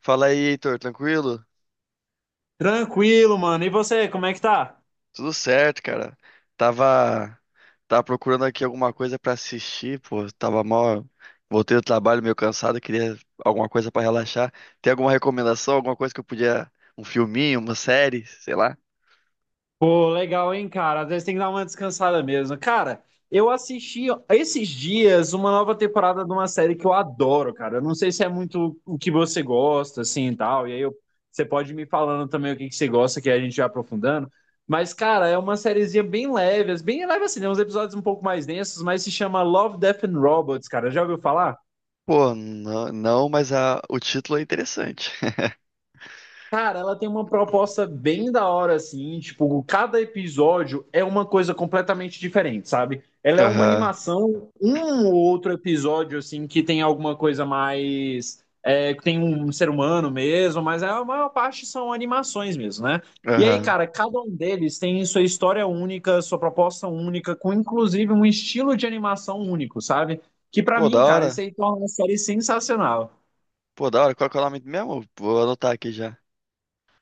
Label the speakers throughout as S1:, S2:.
S1: Fala aí, Heitor, tranquilo?
S2: Tranquilo, mano. E você, como é que tá?
S1: Tudo certo, cara. Tava, tava procurando aqui alguma coisa pra assistir, pô. Tava mal. Voltei do trabalho meio cansado, queria alguma coisa pra relaxar. Tem alguma recomendação, alguma coisa que eu podia, um filminho, uma série, sei lá?
S2: Pô, legal, hein, cara? Às vezes tem que dar uma descansada mesmo. Cara, eu assisti esses dias uma nova temporada de uma série que eu adoro, cara. Eu não sei se é muito o que você gosta, assim, e tal. Você pode ir me falando também o que que você gosta, que aí a gente vai aprofundando. Mas, cara, é uma sériezinha bem leve assim, tem uns episódios um pouco mais densos, mas se chama Love, Death and Robots, cara. Já ouviu falar?
S1: Pô, não, mas o título é interessante.
S2: Cara, ela tem uma proposta bem da hora, assim, tipo, cada episódio é uma coisa completamente diferente, sabe? Ela é uma
S1: Aham,
S2: animação, um ou outro episódio, assim, que tem alguma coisa mais, que tem um ser humano mesmo, mas a maior parte são animações mesmo, né? E aí,
S1: aham.
S2: cara, cada um deles tem sua história única, sua proposta única, com inclusive um estilo de animação único, sabe? Que pra
S1: Pô,
S2: mim,
S1: da
S2: cara, isso
S1: hora.
S2: aí torna uma série sensacional.
S1: Pô, da hora. Qual que é o nome mesmo? Vou anotar aqui já.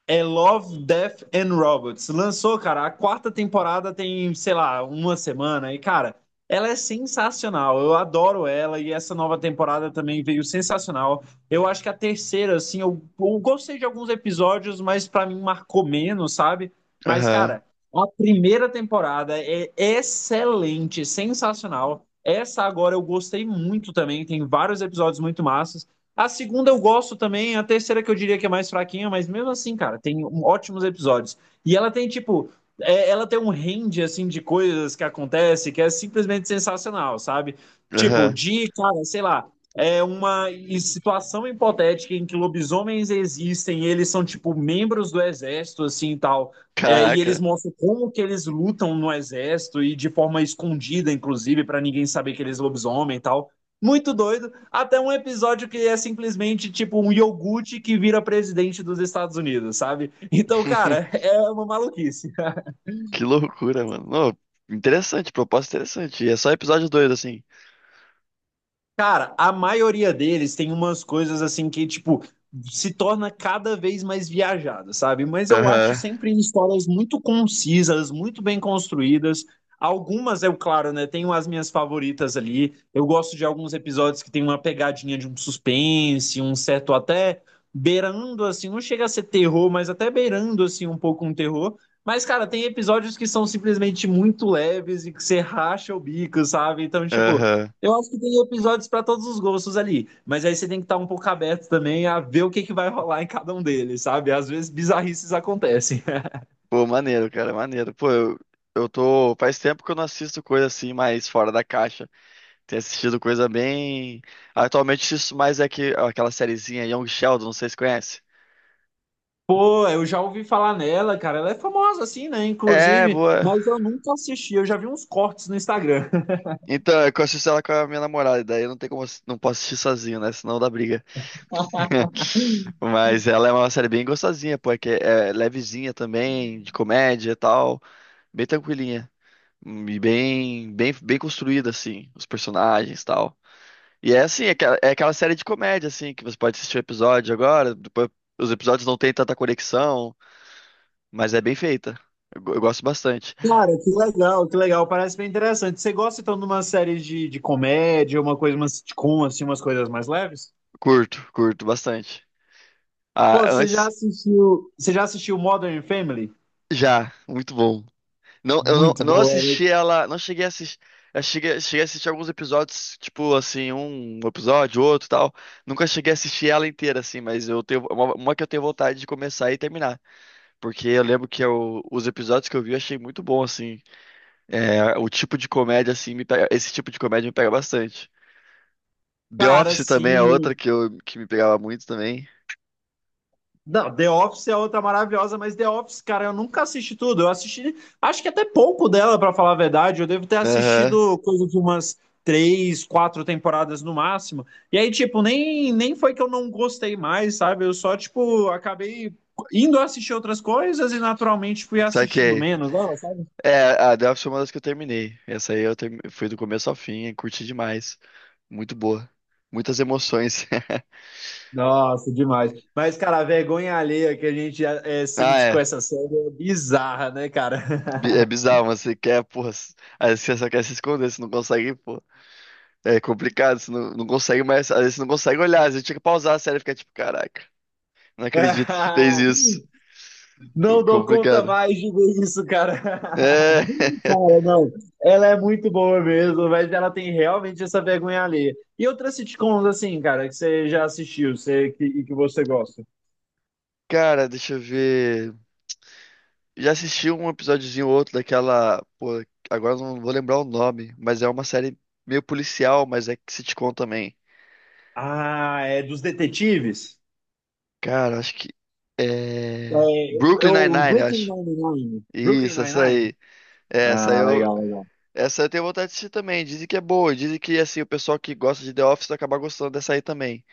S2: É Love, Death and Robots. Lançou, cara, a quarta temporada tem, sei lá, uma semana. E, cara, ela é sensacional. Eu adoro ela e essa nova temporada também veio sensacional. Eu acho que a terceira, assim, eu gostei de alguns episódios, mas pra mim marcou menos, sabe? Mas,
S1: Aham,
S2: cara, a primeira temporada é excelente, sensacional. Essa agora eu gostei muito também, tem vários episódios muito massas. A segunda eu gosto também, a terceira que eu diria que é mais fraquinha, mas mesmo assim, cara, ótimos episódios. E ela tem, tipo, ela tem um range, assim, de coisas que acontece que é simplesmente sensacional, sabe? Tipo,
S1: aham.
S2: de, cara, sei lá, é uma situação hipotética em que lobisomens existem, e eles são, tipo, membros do exército, assim, e tal. É, e
S1: Caraca.
S2: eles mostram como que eles lutam no exército e de forma escondida, inclusive, pra ninguém saber que eles lobisomem e tal, muito doido, até um episódio que é simplesmente tipo um iogurte que vira presidente dos Estados Unidos, sabe? Então, cara, é uma maluquice.
S1: Que loucura, mano. Não, interessante, proposta interessante. E é só episódio 2 assim.
S2: Cara, a maioria deles tem umas coisas assim que, tipo, se torna cada vez mais viajada, sabe? Mas eu acho
S1: Aham,
S2: sempre histórias muito concisas, muito bem construídas. Algumas, eu, claro, né? Tenho as minhas favoritas ali. Eu gosto de alguns episódios que tem uma pegadinha de um suspense, um certo até beirando, assim, não chega a ser terror, mas até beirando, assim, um pouco um terror. Mas, cara, tem episódios que são simplesmente muito leves e que você racha o bico, sabe? Então, tipo.
S1: aham.
S2: Eu acho que tem episódios para todos os gostos ali, mas aí você tem que estar um pouco aberto também a ver o que, que vai rolar em cada um deles, sabe? Às vezes bizarrices acontecem.
S1: Pô, maneiro, cara, maneiro. Pô, eu tô. Faz tempo que eu não assisto coisa assim, mais fora da caixa. Tenho assistido coisa bem. Atualmente assisto mais é que, aquela sériezinha Young Sheldon, não sei se conhece.
S2: Pô, eu já ouvi falar nela, cara, ela é famosa assim, né?
S1: É,
S2: Inclusive,
S1: boa.
S2: mas eu nunca assisti, eu já vi uns cortes no Instagram.
S1: Então, é que eu assisto ela com a minha namorada, e daí eu não tem como, não posso assistir sozinho, né? Senão dá briga. Mas ela é uma série bem gostosinha, pô, é que é levezinha também, de comédia e tal. Bem tranquilinha. E bem construída, assim, os personagens e tal. E é assim, é aquela série de comédia, assim, que você pode assistir o episódio agora, depois os episódios não têm tanta conexão, mas é bem feita. Eu gosto bastante.
S2: Cara, que legal, parece bem interessante. Você gosta então de uma série de comédia, uma coisa, uma sitcom, assim, umas coisas mais leves?
S1: Curto bastante. Ah,
S2: Pô,
S1: antes,
S2: você já assistiu Modern Family?
S1: já, muito bom. Não,
S2: Muito
S1: eu não
S2: boa, né?
S1: assisti ela, não cheguei a assistir. Eu cheguei a assistir alguns episódios, tipo assim, um episódio, outro e tal. Nunca cheguei a assistir ela inteira, assim, mas eu tenho uma que eu tenho vontade de começar e terminar. Porque eu lembro que os episódios que eu vi eu achei muito bom, assim. É, o tipo de comédia, assim, esse tipo de comédia me pega bastante. The
S2: Cara,
S1: Office também é outra
S2: sim.
S1: que, eu, que me pegava muito também.
S2: Não, The Office é outra maravilhosa, mas The Office, cara, eu nunca assisti tudo. Eu assisti, acho que até pouco dela, pra falar a verdade. Eu devo ter
S1: Aham,
S2: assistido coisa de umas três, quatro temporadas no máximo. E aí, tipo, nem foi que eu não gostei mais, sabe? Eu só, tipo, acabei indo assistir outras coisas e naturalmente fui assistindo
S1: saquei.
S2: menos, ó. Sabe?
S1: É, a The Office foi uma das que eu terminei. Essa aí eu fui do começo ao fim, e curti demais. Muito boa. Muitas emoções.
S2: Nossa, demais. Mas, cara, a vergonha alheia que
S1: Ah,
S2: sente com
S1: é.
S2: essa série é bizarra, né,
S1: É
S2: cara?
S1: bizarro, mas você quer, porra. Às vezes você só quer se esconder, você não consegue, pô. É complicado, você não consegue mais. Às vezes você não consegue olhar, às vezes tinha que pausar a série e ficar tipo, caraca. Não acredito que fez isso.
S2: Não dou conta
S1: Complicado.
S2: mais de ver isso, cara.
S1: É.
S2: Cara, não. Ela é muito boa mesmo, mas ela tem realmente essa vergonha alheia. E outras sitcoms, assim, cara, que você já assistiu, você, que, e que você gosta?
S1: Cara, deixa eu ver. Já assisti um episódiozinho ou outro daquela. Pô, agora eu não vou lembrar o nome, mas é uma série meio policial, mas é sitcom também.
S2: Ah, é dos detetives?
S1: Cara, acho que. É.
S2: É,
S1: Brooklyn Nine-Nine, eu
S2: Brooklyn
S1: acho.
S2: Nine-Nine. Brooklyn
S1: Isso, essa
S2: Nine-Nine?
S1: aí. É, essa
S2: Ah,
S1: eu.
S2: legal, legal.
S1: Essa eu tenho vontade de assistir também. Dizem que é boa. Dizem que, assim, o pessoal que gosta de The Office vai acabar gostando dessa aí também.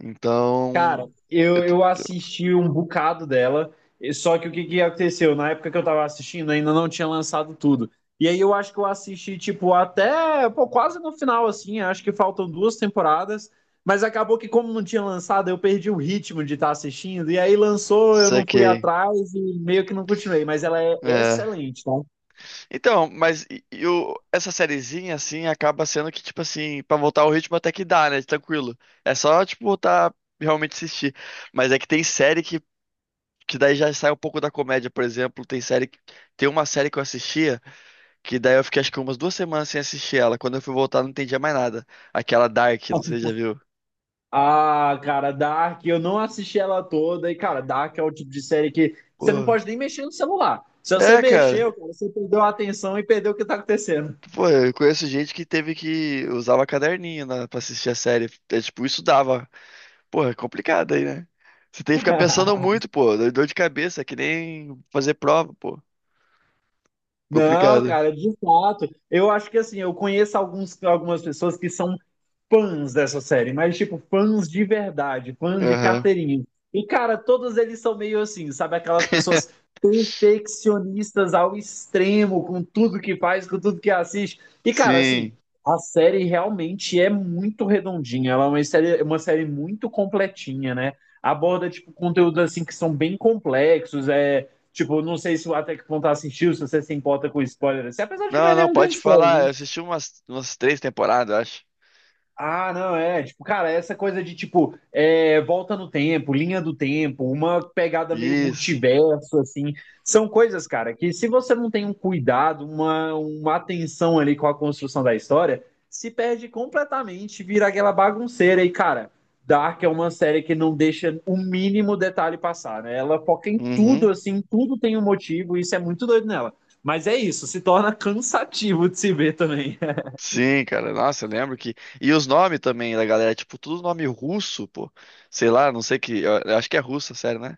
S1: Então.
S2: Cara,
S1: Eu
S2: eu,
S1: te-
S2: eu assisti um bocado dela, e- só que o que que aconteceu? Na época que eu tava assistindo, ainda não tinha lançado tudo. E aí eu acho que eu assisti, tipo, até, pô, quase no final, assim, acho que faltam duas temporadas, mas acabou que como não tinha lançado, eu perdi o ritmo de estar assistindo, e aí lançou, eu não fui
S1: Saquei.
S2: atrás e meio que não continuei, mas ela é
S1: É.
S2: excelente, tá?
S1: Então, essa sériezinha, assim, acaba sendo que, tipo assim, pra voltar ao ritmo até que dá, né? Tranquilo. É só, tipo, voltar realmente assistir. Mas é que tem série que daí já sai um pouco da comédia, por exemplo. Tem uma série que eu assistia, que daí eu fiquei acho que umas duas semanas sem assistir ela. Quando eu fui voltar, não entendia mais nada. Aquela Dark, não sei se você já viu.
S2: Ah, cara, Dark, eu não assisti ela toda. E, cara, Dark é o tipo de série que você não
S1: Pô.
S2: pode nem mexer no celular. Se você
S1: É, cara.
S2: mexeu, cara, você perdeu a atenção e perdeu o que tá acontecendo.
S1: Pô, eu conheço gente que teve que usava caderninho, né, pra assistir a série. É, tipo, isso dava. Pô, é complicado aí, né? Você tem que ficar pensando muito, pô. Dá dor de cabeça, é que nem fazer prova, pô.
S2: Não,
S1: Complicado.
S2: cara, de fato. Eu acho que assim, eu conheço algumas pessoas que são fãs dessa série, mas tipo, fãs de verdade, fãs de
S1: Aham.
S2: carteirinha. E, cara, todos eles são meio assim, sabe? Aquelas pessoas perfeccionistas ao extremo com tudo que faz, com tudo que assiste. E, cara, assim,
S1: Sim.
S2: a série realmente é muito redondinha. Ela é uma série muito completinha, né? Aborda, tipo, conteúdos assim que são bem complexos. É, tipo, não sei se até que ponto assistiu, se você se importa com spoiler. Assim, apesar de que não
S1: Não,
S2: é
S1: não,
S2: nenhum grande
S1: pode
S2: spoiler,
S1: falar. Eu
S2: né?
S1: assisti umas três temporadas, eu acho.
S2: Ah, não, é. Tipo, cara, essa coisa de, tipo, volta no tempo, linha do tempo, uma pegada meio
S1: Isso.
S2: multiverso, assim. São coisas, cara, que se você não tem um cuidado, uma atenção ali com a construção da história, se perde completamente, vira aquela bagunceira. E, cara, Dark é uma série que não deixa o mínimo detalhe passar, né? Ela foca em tudo,
S1: Uhum.
S2: assim, tudo tem um motivo, e isso é muito doido nela. Mas é isso, se torna cansativo de se ver também.
S1: Sim, cara. Nossa, eu lembro que. E os nomes também da galera, tipo, tudo nome russo, pô. Sei lá, não sei que. Eu acho que é russo, sério, né?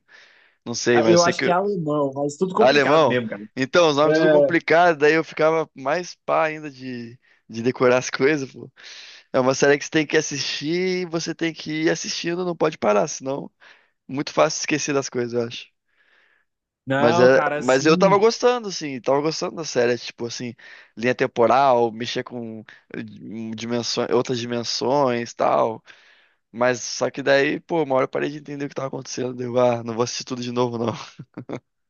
S1: Não sei,
S2: Ah,
S1: mas eu
S2: eu
S1: sei
S2: acho que é
S1: que.
S2: alemão, mas tudo complicado
S1: Alemão.
S2: mesmo, cara.
S1: Então, os nomes tudo
S2: É,
S1: complicado, daí eu ficava mais pá ainda de decorar as coisas, pô. É uma série que você tem que assistir e você tem que ir assistindo, não pode parar, senão é muito fácil esquecer das coisas, eu acho. Mas
S2: não,
S1: é,
S2: cara,
S1: mas eu tava
S2: assim.
S1: gostando, assim, tava gostando da série, é tipo assim, linha temporal, mexer com eh, dimensões, outras dimensões, tal. Mas só que daí, pô, uma hora eu parei de entender o que tava acontecendo, deu, ah, não vou assistir tudo de novo, não.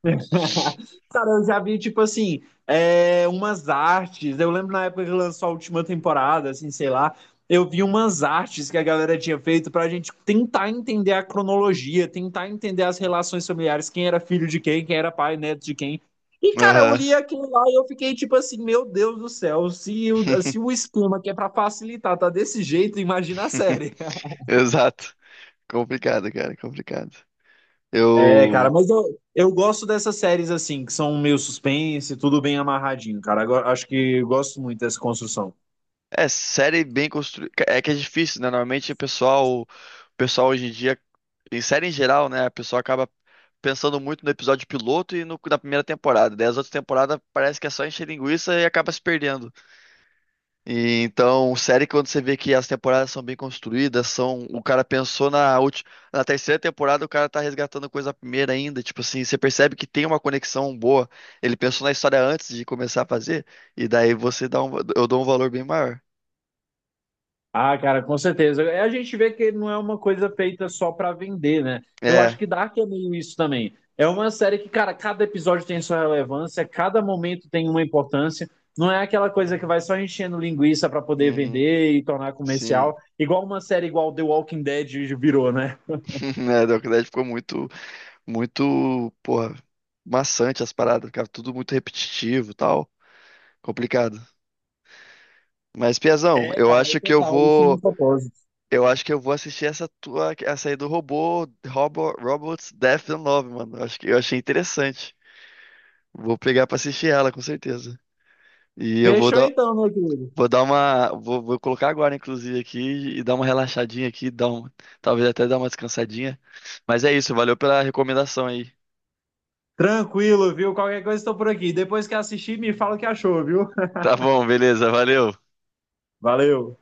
S2: Cara, eu já vi, tipo assim, umas artes. Eu lembro na época que lançou a última temporada, assim, sei lá. Eu vi umas artes que a galera tinha feito pra gente tentar entender a cronologia, tentar entender as relações familiares, quem era filho de quem, quem era pai, neto de quem. E, cara, eu
S1: Aham.
S2: li aquilo lá e eu fiquei tipo assim, meu Deus do céu, se o esquema que é pra facilitar tá desse jeito, imagina a série.
S1: Exato. Complicado, cara, complicado.
S2: É, cara,
S1: Eu
S2: mas eu gosto dessas séries assim, que são meio suspense, tudo bem amarradinho, cara. Agora, acho que eu gosto muito dessa construção.
S1: é, série bem construída. É que é difícil, né? Normalmente o pessoal hoje em dia, em série em geral, né? A pessoa acaba pensando muito no episódio piloto e no da primeira temporada. Daí as outras temporadas parece que é só encher linguiça e acaba se perdendo. E, então, série que quando você vê que as temporadas são bem construídas, são o cara pensou na última, na terceira temporada, o cara tá resgatando coisa da primeira ainda, tipo assim, você percebe que tem uma conexão boa. Ele pensou na história antes de começar a fazer e daí você dá um... eu dou um valor bem maior.
S2: Ah, cara, com certeza. É, a gente vê que não é uma coisa feita só pra vender, né? Eu acho
S1: É.
S2: que Dark é meio isso também. É uma série que, cara, cada episódio tem sua relevância, cada momento tem uma importância. Não é aquela coisa que vai só enchendo linguiça pra poder
S1: Uhum,
S2: vender e tornar
S1: sim.
S2: comercial, igual uma série igual The Walking Dead virou, né?
S1: É, Dark Knight ficou muito, muito, porra, maçante as paradas, ficava tudo muito repetitivo e tal, complicado. Mas, Piazão,
S2: É, cara, é total, isso num propósito.
S1: eu acho que eu vou assistir essa tua, essa aí do robô, Robots Death and Love, mano. Eu acho que eu achei interessante. Vou pegar pra assistir ela, com certeza. E eu vou
S2: Fechou
S1: dar,
S2: então, meu querido.
S1: vou dar uma, vou colocar agora, inclusive, aqui e dar uma relaxadinha aqui, dar um, talvez até dar uma descansadinha. Mas é isso, valeu pela recomendação aí.
S2: Tranquilo, viu? Qualquer coisa estou por aqui. Depois que assistir, me fala o que achou, viu?
S1: Tá bom, beleza, valeu.
S2: Valeu!